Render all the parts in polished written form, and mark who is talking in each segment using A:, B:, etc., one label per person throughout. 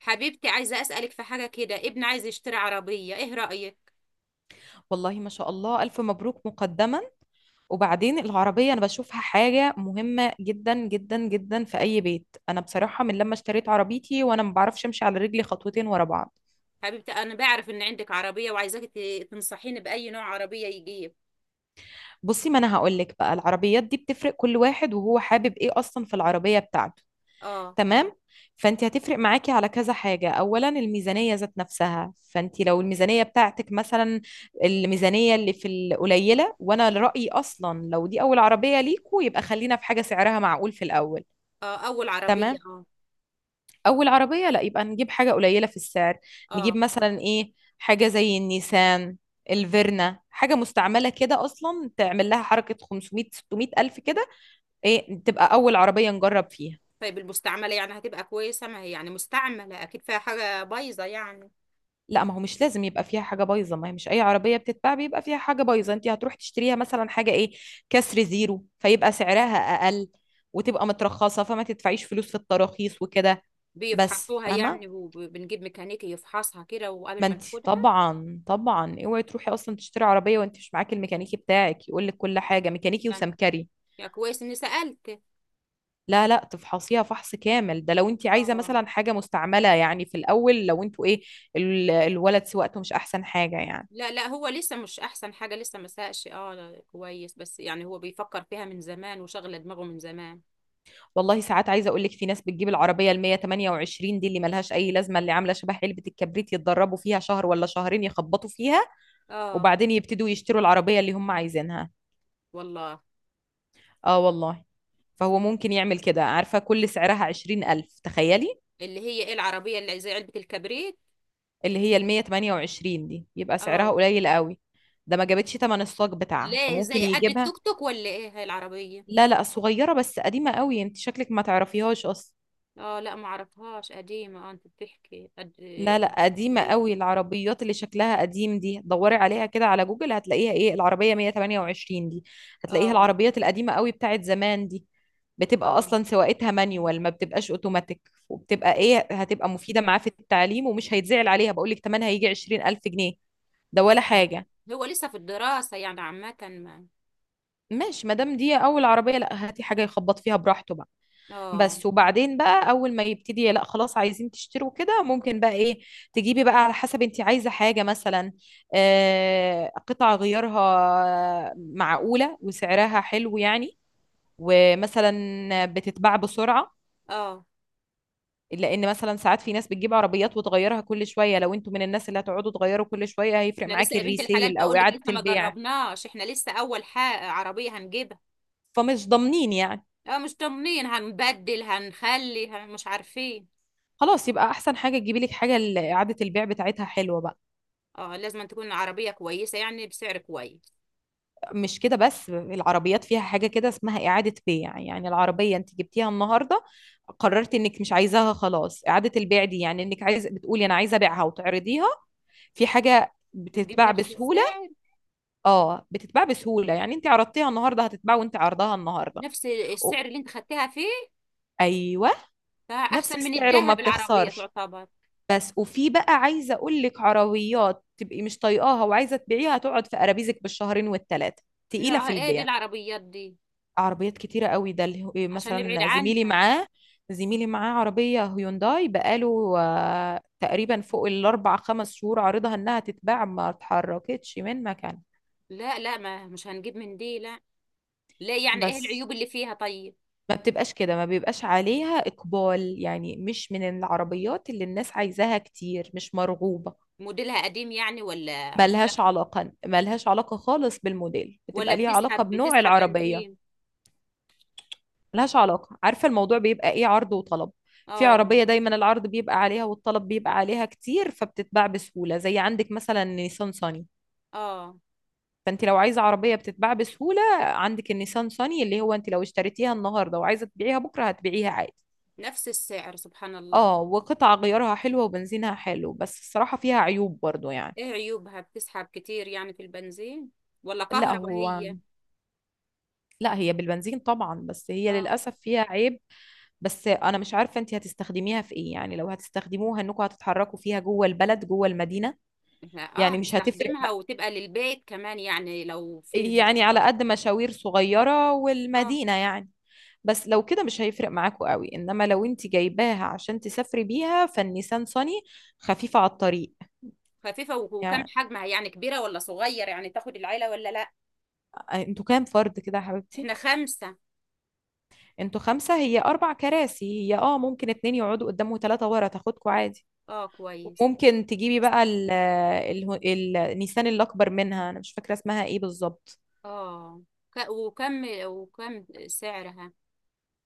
A: حبيبتي، عايزة أسألك في حاجة كده. ابن عايز يشتري عربية، ايه رأيك؟
B: والله، ما شاء الله، ألف مبروك مقدما. وبعدين العربية أنا بشوفها حاجة مهمة جدا جدا جدا في أي بيت. أنا بصراحة من لما اشتريت عربيتي وأنا ما بعرفش أمشي على رجلي خطوتين ورا بعض.
A: حبيبتي، أنا بعرف إن عندك عربية وعايزاك تنصحيني بأي نوع عربية يجيب.
B: بصي، ما أنا هقولك بقى، العربيات دي بتفرق كل واحد وهو حابب إيه أصلا في العربية بتاعته.
A: اه.
B: تمام. فأنت هتفرق معاكي على كذا حاجة. أولا الميزانية ذات نفسها. فأنت لو الميزانية بتاعتك مثلا، الميزانية اللي في القليلة، وأنا رأيي أصلا لو دي أول عربية ليكوا يبقى خلينا في حاجة سعرها معقول في الأول.
A: اه، أول عربية،
B: تمام.
A: اه.
B: اول عربيه لا يبقى نجيب حاجه قليله في السعر. نجيب
A: اه،
B: مثلا ايه، حاجه زي النيسان الفيرنا، حاجه مستعمله كده اصلا تعمل لها حركه 500 600 الف كده، ايه، تبقى اول عربيه نجرب فيها.
A: طيب المستعملة يعني هتبقى كويسة؟ ما هي يعني مستعملة أكيد فيها حاجة بايظة يعني.
B: لا، ما هو مش لازم يبقى فيها حاجه بايظه. ما هي مش اي عربيه بتتباع بيبقى فيها حاجه بايظه. انت هتروح تشتريها مثلا حاجه ايه، كسر زيرو، فيبقى سعرها اقل وتبقى مترخصه فما تدفعيش فلوس في التراخيص وكده. بس،
A: بيفحصوها يعني
B: فاهمه.
A: وبنجيب ميكانيكي يفحصها كده
B: ما
A: وقبل ما
B: انت
A: ناخدها؟
B: طبعا طبعا اوعي تروحي اصلا تشتري عربيه وانت مش معاكي الميكانيكي بتاعك يقول لك كل حاجه، ميكانيكي
A: يعني،
B: وسمكري.
A: يا كويس إني سألت.
B: لا لا، تفحصيها فحص كامل. ده لو انت عايزه
A: اه.
B: مثلا حاجه مستعمله يعني في الاول، لو انتوا ايه، الولد سواقته مش احسن حاجه يعني.
A: لا لا، هو لسه مش أحسن حاجة، لسه ما ساقش، اه لا، كويس، بس يعني هو بيفكر فيها من زمان وشغل دماغه من زمان.
B: والله ساعات عايزه اقول لك، في ناس بتجيب العربيه ال 128 دي اللي ملهاش اي لازمه، اللي عامله شبه علبه الكبريت، يتدربوا فيها شهر ولا شهرين يخبطوا فيها
A: اه
B: وبعدين يبتدوا يشتروا العربيه اللي هم عايزينها.
A: والله.
B: اه والله. فهو ممكن يعمل كده، عارفة، كل سعرها عشرين ألف تخيلي.
A: اللي هي ايه العربية اللي زي علبة الكبريت؟
B: اللي هي ال 128 دي يبقى سعرها
A: اه.
B: قليل قوي، ده ما جابتش تمن الصاج بتاعها،
A: ليه،
B: فممكن
A: زي قد
B: يجيبها.
A: التوك توك ولا ايه هاي العربية؟
B: لا لا، صغيرة بس قديمة قوي، انت شكلك ما تعرفيهاش اصلا.
A: اه لا، ما اعرفهاش. قديمة؟ اه، انت بتحكي قد إيه،
B: لا
A: علبة
B: لا، قديمة
A: الكبريت؟
B: قوي، العربيات اللي شكلها قديم دي، دوري عليها كده على جوجل هتلاقيها، ايه، العربية 128 دي، هتلاقيها
A: اه.
B: العربيات القديمة قوي بتاعت زمان دي. بتبقى
A: اه.
B: اصلا سواقتها مانيوال، ما بتبقاش اوتوماتيك، وبتبقى ايه، هتبقى مفيدة معاه في التعليم، ومش هيتزعل عليها. بقول لك تمنها هيجي 20000 جنيه، ده
A: اه.
B: ولا حاجة.
A: هو لسه في الدراسة يعني عامة ما.
B: ماشي، ما دام دي اول عربيه، لا هاتي حاجه يخبط فيها براحته بقى.
A: اه.
B: بس وبعدين بقى اول ما يبتدي، لا خلاص، عايزين تشتروا كده، ممكن بقى ايه، تجيبي بقى على حسب انت عايزه حاجه، مثلا آه قطع غيارها معقوله وسعرها حلو يعني، ومثلا بتتباع بسرعه.
A: اه.
B: لان مثلا ساعات في ناس بتجيب عربيات وتغيرها كل شويه، لو انتوا من الناس اللي هتقعدوا تغيروا كل شويه هيفرق
A: احنا لسه،
B: معاكي
A: يا بنت الحلال،
B: الريسيل او
A: بقول لك
B: اعاده
A: لسه ما
B: البيع.
A: جربناش، احنا لسه اول حاجة عربية هنجيبها.
B: فمش ضامنين يعني.
A: اه، مش طمنين، هنبدل، هنخلي، مش عارفين.
B: خلاص، يبقى احسن حاجه تجيبي لك حاجه اعاده البيع بتاعتها حلوه بقى.
A: اه، لازم تكون عربية كويسة يعني بسعر كويس.
B: مش كده بس، العربيات فيها حاجه كده اسمها اعاده بيع. يعني العربيه انت جبتيها النهارده، قررت انك مش عايزاها، خلاص، اعاده البيع دي يعني انك عايز، بتقولي انا عايزه ابيعها وتعرضيها، في حاجه
A: بتجيب
B: بتتباع
A: نفس
B: بسهوله.
A: السعر؟
B: اه بتتباع بسهوله، يعني انت عرضتيها النهارده هتتباع، وانت عرضها النهارده
A: نفس
B: أو-
A: السعر اللي انت خدتها فيه؟
B: ايوه، نفس
A: فاحسن من
B: السعر وما
A: الذهب العربيه
B: بتخسرش.
A: تعتبر.
B: بس، وفي بقى عايزه اقول لك، عربيات تبقي مش طايقاها وعايزه تبيعيها تقعد في قرابيزك بالشهرين والثلاثه، تقيله
A: نوعها
B: في
A: ايه دي
B: البيع.
A: العربيات دي؟
B: عربيات كتيره قوي، ده إيه،
A: عشان نبعد
B: مثلا زميلي
A: عنها.
B: معاه، زميلي معاه عربيه هيونداي بقاله آه، تقريبا فوق الاربع خمس شهور عارضها انها تتباع، ما اتحركتش من مكان.
A: لا لا، ما مش هنجيب من دي لا. لا، يعني ايه
B: بس،
A: العيوب اللي فيها طيب؟
B: ما بتبقاش كده، ما بيبقاش عليها اقبال. يعني مش من العربيات اللي الناس عايزاها كتير، مش مرغوبه.
A: موديلها قديم يعني ولا؟
B: ملهاش علاقة، ملهاش علاقة خالص بالموديل،
A: ولا
B: بتبقى ليها علاقة
A: بتسحب،
B: بنوع
A: بتسحب
B: العربية.
A: بنزين؟
B: ملهاش علاقة. عارفة الموضوع بيبقى ايه، عرض وطلب. في
A: اه.
B: عربية دايما العرض بيبقى عليها والطلب بيبقى عليها كتير فبتتباع بسهولة، زي عندك مثلا نيسان صني.
A: اه،
B: فانت لو عايزة عربية بتتباع بسهولة عندك النيسان صني، اللي هو انت لو اشتريتيها النهاردة وعايزة تبيعيها بكرة هتبيعيها عادي.
A: نفس السعر، سبحان الله.
B: اه، وقطع غيارها حلوة وبنزينها حلو، بس الصراحة فيها عيوب برضو يعني.
A: ايه عيوبها؟ بتسحب كتير يعني في البنزين ولا
B: لا
A: كهرباء
B: هو،
A: هي؟
B: لا، هي بالبنزين طبعا، بس هي
A: اه.
B: للأسف فيها عيب. بس انا مش عارفه انت هتستخدميها في ايه يعني، لو هتستخدموها انكم هتتحركوا فيها جوه البلد جوه المدينه،
A: احنا، اه،
B: يعني مش
A: هنستخدمها وتبقى للبيت كمان يعني لو فيه
B: يعني على
A: مشوار.
B: قد مشاوير صغيره
A: اه،
B: والمدينه يعني. بس لو كده مش هيفرق معاكوا قوي، انما لو انت جايباها عشان تسافري بيها، فالنيسان صني خفيفه على الطريق.
A: خفيفة وكم
B: يعني
A: حجمها يعني؟ كبيرة ولا صغير يعني، تاخد العيلة ولا لا؟
B: انتوا كام فرد كده يا حبيبتي؟
A: احنا خمسة.
B: انتوا خمسه، هي اربع كراسي، هي اه ممكن اتنين يقعدوا قدام وتلاته ورا تاخدكوا عادي.
A: اه، كويس.
B: ممكن تجيبي
A: بس،
B: بقى النيسان الأكبر منها، أنا مش فاكرة اسمها إيه بالظبط.
A: اه، وكم، وكم سعرها؟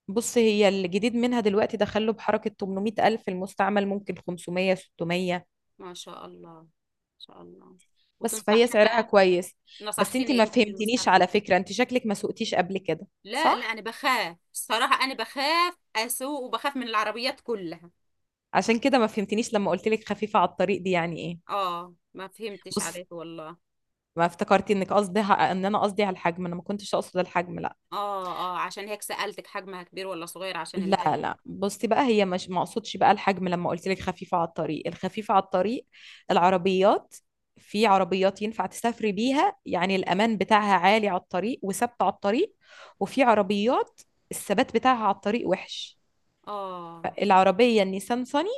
B: بص، هي الجديد منها دلوقتي دخله بحركة 800 ألف، المستعمل ممكن 500 600.
A: ما شاء الله، ما شاء الله.
B: بس فهي
A: وتنصحينا
B: سعرها
A: بقى؟
B: كويس. بس أنت
A: نصحتني
B: ما
A: انت في
B: فهمتنيش، على
A: المستخدم.
B: فكرة أنت شكلك ما سوقتيش قبل كده،
A: لا لا،
B: صح؟
A: انا بخاف الصراحة، انا بخاف اسوق وبخاف من العربيات كلها.
B: عشان كده ما فهمتنيش لما قلت لك خفيفة على الطريق دي يعني إيه.
A: اه، ما فهمتش
B: بص،
A: عليك والله.
B: ما افتكرتي انك قصدي ان انا قصدي على الحجم، انا ما كنتش اقصد الحجم، لا
A: اه، اه، عشان هيك سألتك حجمها كبير ولا صغير، عشان
B: لا
A: العين.
B: لا. بصي بقى، هي مش، ما اقصدش بقى الحجم لما قلت لك خفيفة على الطريق، الخفيفة على الطريق العربيات، في عربيات ينفع تسافري بيها يعني، الأمان بتاعها عالي على الطريق وثابتة على الطريق، وفي عربيات الثبات بتاعها على الطريق وحش.
A: اه.
B: العربية النيسان صني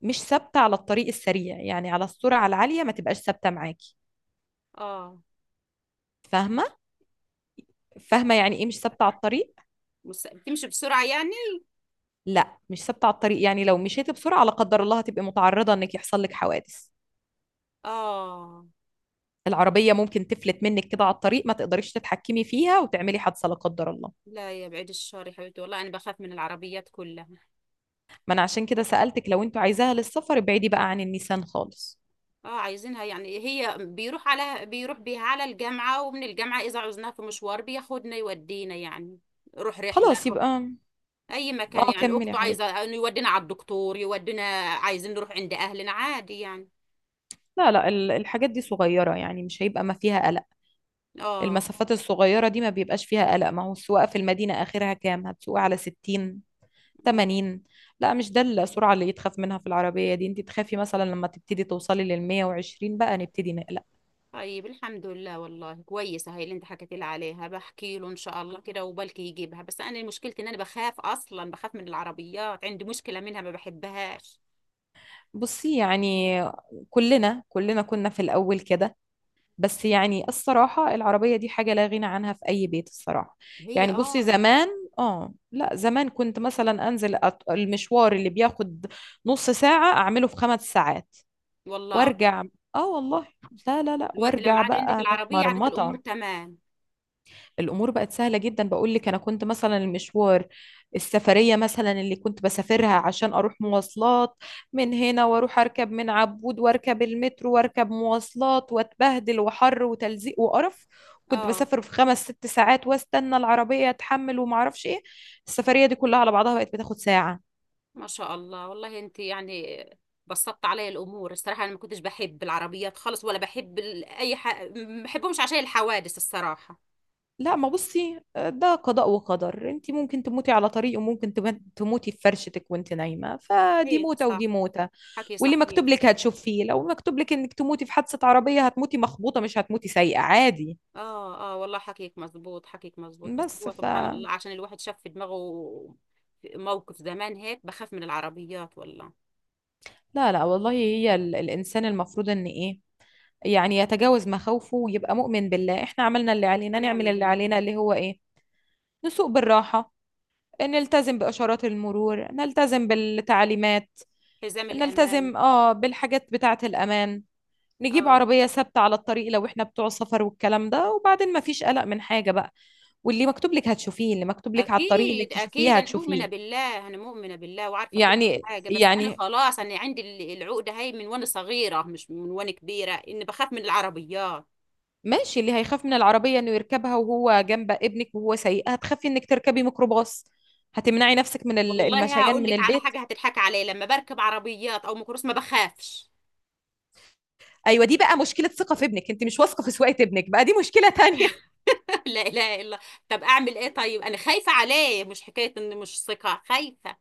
B: مش ثابتة على الطريق السريع، يعني على السرعة العالية ما تبقاش ثابتة معاكي.
A: اه.
B: فاهمة؟ فاهمة يعني ايه مش ثابتة على الطريق؟
A: مس... بتمشي بسرعة يعني؟
B: لا، مش ثابتة على الطريق يعني لو مشيتي بسرعة لا قدر الله هتبقي متعرضة انك يحصل لك حوادث.
A: اه.
B: العربية ممكن تفلت منك كده على الطريق، ما تقدريش تتحكمي فيها وتعملي حادثة لا قدر الله.
A: لا يا بعيد الشر، يا حبيبتي، والله انا بخاف من العربيات كلها.
B: ما أنا عشان كده سألتك، لو أنتوا عايزاها للسفر ابعدي بقى عن النيسان خالص.
A: اه، عايزينها يعني، هي بيروح على، بيروح بيها على الجامعة ومن الجامعة، اذا عوزناها في مشوار بياخدنا، يودينا يعني، نروح رحلة،
B: خلاص
A: نروح
B: يبقى.
A: اي مكان
B: اه،
A: يعني.
B: كملي يا
A: اخته عايزة
B: حبيبتي.
A: انه يودينا على الدكتور، يودينا عايزين نروح عند اهلنا عادي يعني.
B: لا لا، الحاجات دي صغيرة يعني، مش هيبقى، ما فيها قلق.
A: اه.
B: المسافات الصغيرة دي ما بيبقاش فيها قلق، ما هو السواقة في المدينة آخرها كام، هتسوقي على 60 80. لا، مش ده السرعة اللي يتخاف منها في العربية دي، انت تخافي مثلا لما تبتدي توصلي لل 120 بقى نبتدي نقلق.
A: طيب الحمد لله، والله كويسة هاي اللي انت حكيت لي عليها، بحكي له ان شاء الله كده وبلكي يجيبها، بس انا مشكلتي ان انا بخاف، اصلا بخاف من العربيات، عندي مشكلة منها، ما بحبهاش.
B: بصي يعني، كلنا كلنا كنا في الأول كده، بس يعني الصراحة العربية دي حاجة لا غنى عنها في أي بيت الصراحة.
A: هي
B: يعني بصي
A: اه.
B: زمان، اه لا زمان كنت مثلا أنزل، المشوار اللي بياخد نص ساعة أعمله في خمس ساعات
A: والله
B: وأرجع. اه والله. لا لا لا،
A: الوقت لما
B: وأرجع
A: عاد عندك
B: بقى
A: العربية عادت الامور
B: متمرمطة.
A: تمام؟
B: الامور بقت سهله جدا. بقول لك انا كنت مثلا المشوار، السفريه مثلا اللي كنت بسافرها عشان اروح مواصلات من هنا، واروح اركب من عبود واركب المترو واركب مواصلات واتبهدل وحر وتلزيق وقرف، كنت
A: اه،
B: بسافر في خمس ست ساعات واستنى العربيه اتحمل وما اعرفش ايه. السفريه دي كلها على بعضها بقت بتاخد ساعه.
A: ما شاء الله، والله انت يعني بسطت علي الامور الصراحة. انا ما كنتش بحب العربيات خالص، ولا بحب اي ح... ما بحبهمش عشان الحوادث الصراحة.
B: لا ما بصي، ده قضاء وقدر، انت ممكن تموتي على طريق وممكن تموتي في فرشتك وانت نايمة، فدي
A: هي
B: موتة ودي
A: صح،
B: موتة.
A: حكي
B: واللي
A: صحيح.
B: مكتوب لك هتشوفيه، لو مكتوب لك انك تموتي في حادثة عربية هتموتي مخبوطة، مش هتموتي سايقة عادي.
A: اه، اه، والله حكيك مظبوط، حكيك مظبوط، بس
B: بس
A: هو
B: ف
A: سبحان الله عشان الواحد شاف في دماغه موقف زمان، هيك بخاف من العربيات والله.
B: لا لا، والله هي الانسان المفروض ان ايه، يعني يتجاوز مخاوفه ويبقى مؤمن بالله. احنا عملنا اللي علينا،
A: ونعم
B: نعمل اللي علينا
A: بالله.
B: اللي هو ايه، نسوق بالراحة، نلتزم بإشارات المرور، نلتزم بالتعليمات،
A: حزام الأمان.
B: نلتزم اه بالحاجات بتاعة الأمان، نجيب
A: اه،
B: عربية ثابتة على الطريق لو احنا بتوع سفر والكلام ده، وبعدين مفيش قلق من حاجة بقى. واللي مكتوب لك هتشوفيه، اللي مكتوب لك على الطريق انك
A: أكيد أكيد،
B: تشوفيه
A: أنا مؤمنة
B: هتشوفيه.
A: بالله، أنا مؤمنة بالله وعارفة كل
B: يعني
A: حاجة، بس أنا
B: يعني
A: خلاص أنا عندي العقدة هاي من وأنا صغيرة، مش من وأنا كبيرة، إني بخاف من العربيات.
B: ماشي. اللي هيخاف من العربية انه يركبها وهو جنب ابنك وهو سايقها، هتخافي انك تركبي ميكروباص، هتمنعي نفسك من
A: والله
B: المشيان
A: هقول
B: من
A: لك على
B: البيت.
A: حاجة هتضحك عليا، لما بركب عربيات أو ميكروباص ما بخافش.
B: ايوه، دي بقى مشكلة ثقة في ابنك، انت مش واثقة في سواقة ابنك بقى، دي مشكلة تانية.
A: لا اله الا. طب اعمل ايه طيب؟ انا خايفه عليه، مش حكايه اني مش ثقه، خايفه.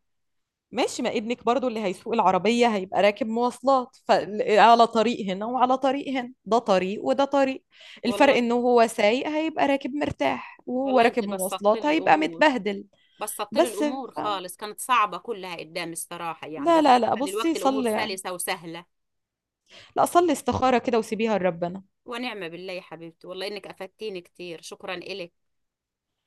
B: ماشي، ما ابنك برضو اللي هيسوق العربية هيبقى راكب مواصلات، فعلى طريق هنا وعلى طريق هنا، ده طريق وده طريق. الفرق
A: والله،
B: انه هو سايق هيبقى راكب مرتاح، وهو
A: والله انت
B: راكب
A: بسطت لي
B: مواصلات هيبقى
A: الامور،
B: متبهدل.
A: بسطت لي
B: بس
A: الامور
B: ف...
A: خالص، كانت صعبه كلها قدامي الصراحه يعني،
B: لا
A: بس
B: لا لا، بصي
A: دلوقتي الامور
B: صلي يعني.
A: سلسه وسهله.
B: لا صلي استخارة كده وسيبيها لربنا.
A: ونعمه بالله يا حبيبتي، والله انك افدتيني كتير، شكرا الك.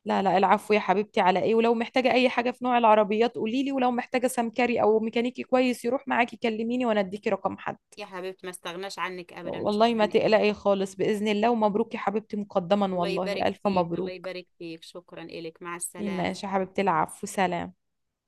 B: لا لا، العفو يا حبيبتي، على ايه، ولو محتاجة اي حاجة في نوع العربيات قوليلي، ولو محتاجة سمكري او ميكانيكي كويس يروح معاكي كلميني وانا اديكي رقم حد.
A: يا حبيبتي، ما استغناش عنك ابدا،
B: والله
A: شكرا
B: ما
A: الك.
B: تقلقي خالص، بإذن الله، ومبروك يا حبيبتي مقدما،
A: الله
B: والله
A: يبارك
B: ألف
A: فيك، الله
B: مبروك.
A: يبارك فيك، شكرا الك، مع السلامه.
B: ماشي يا حبيبتي، العفو، سلام.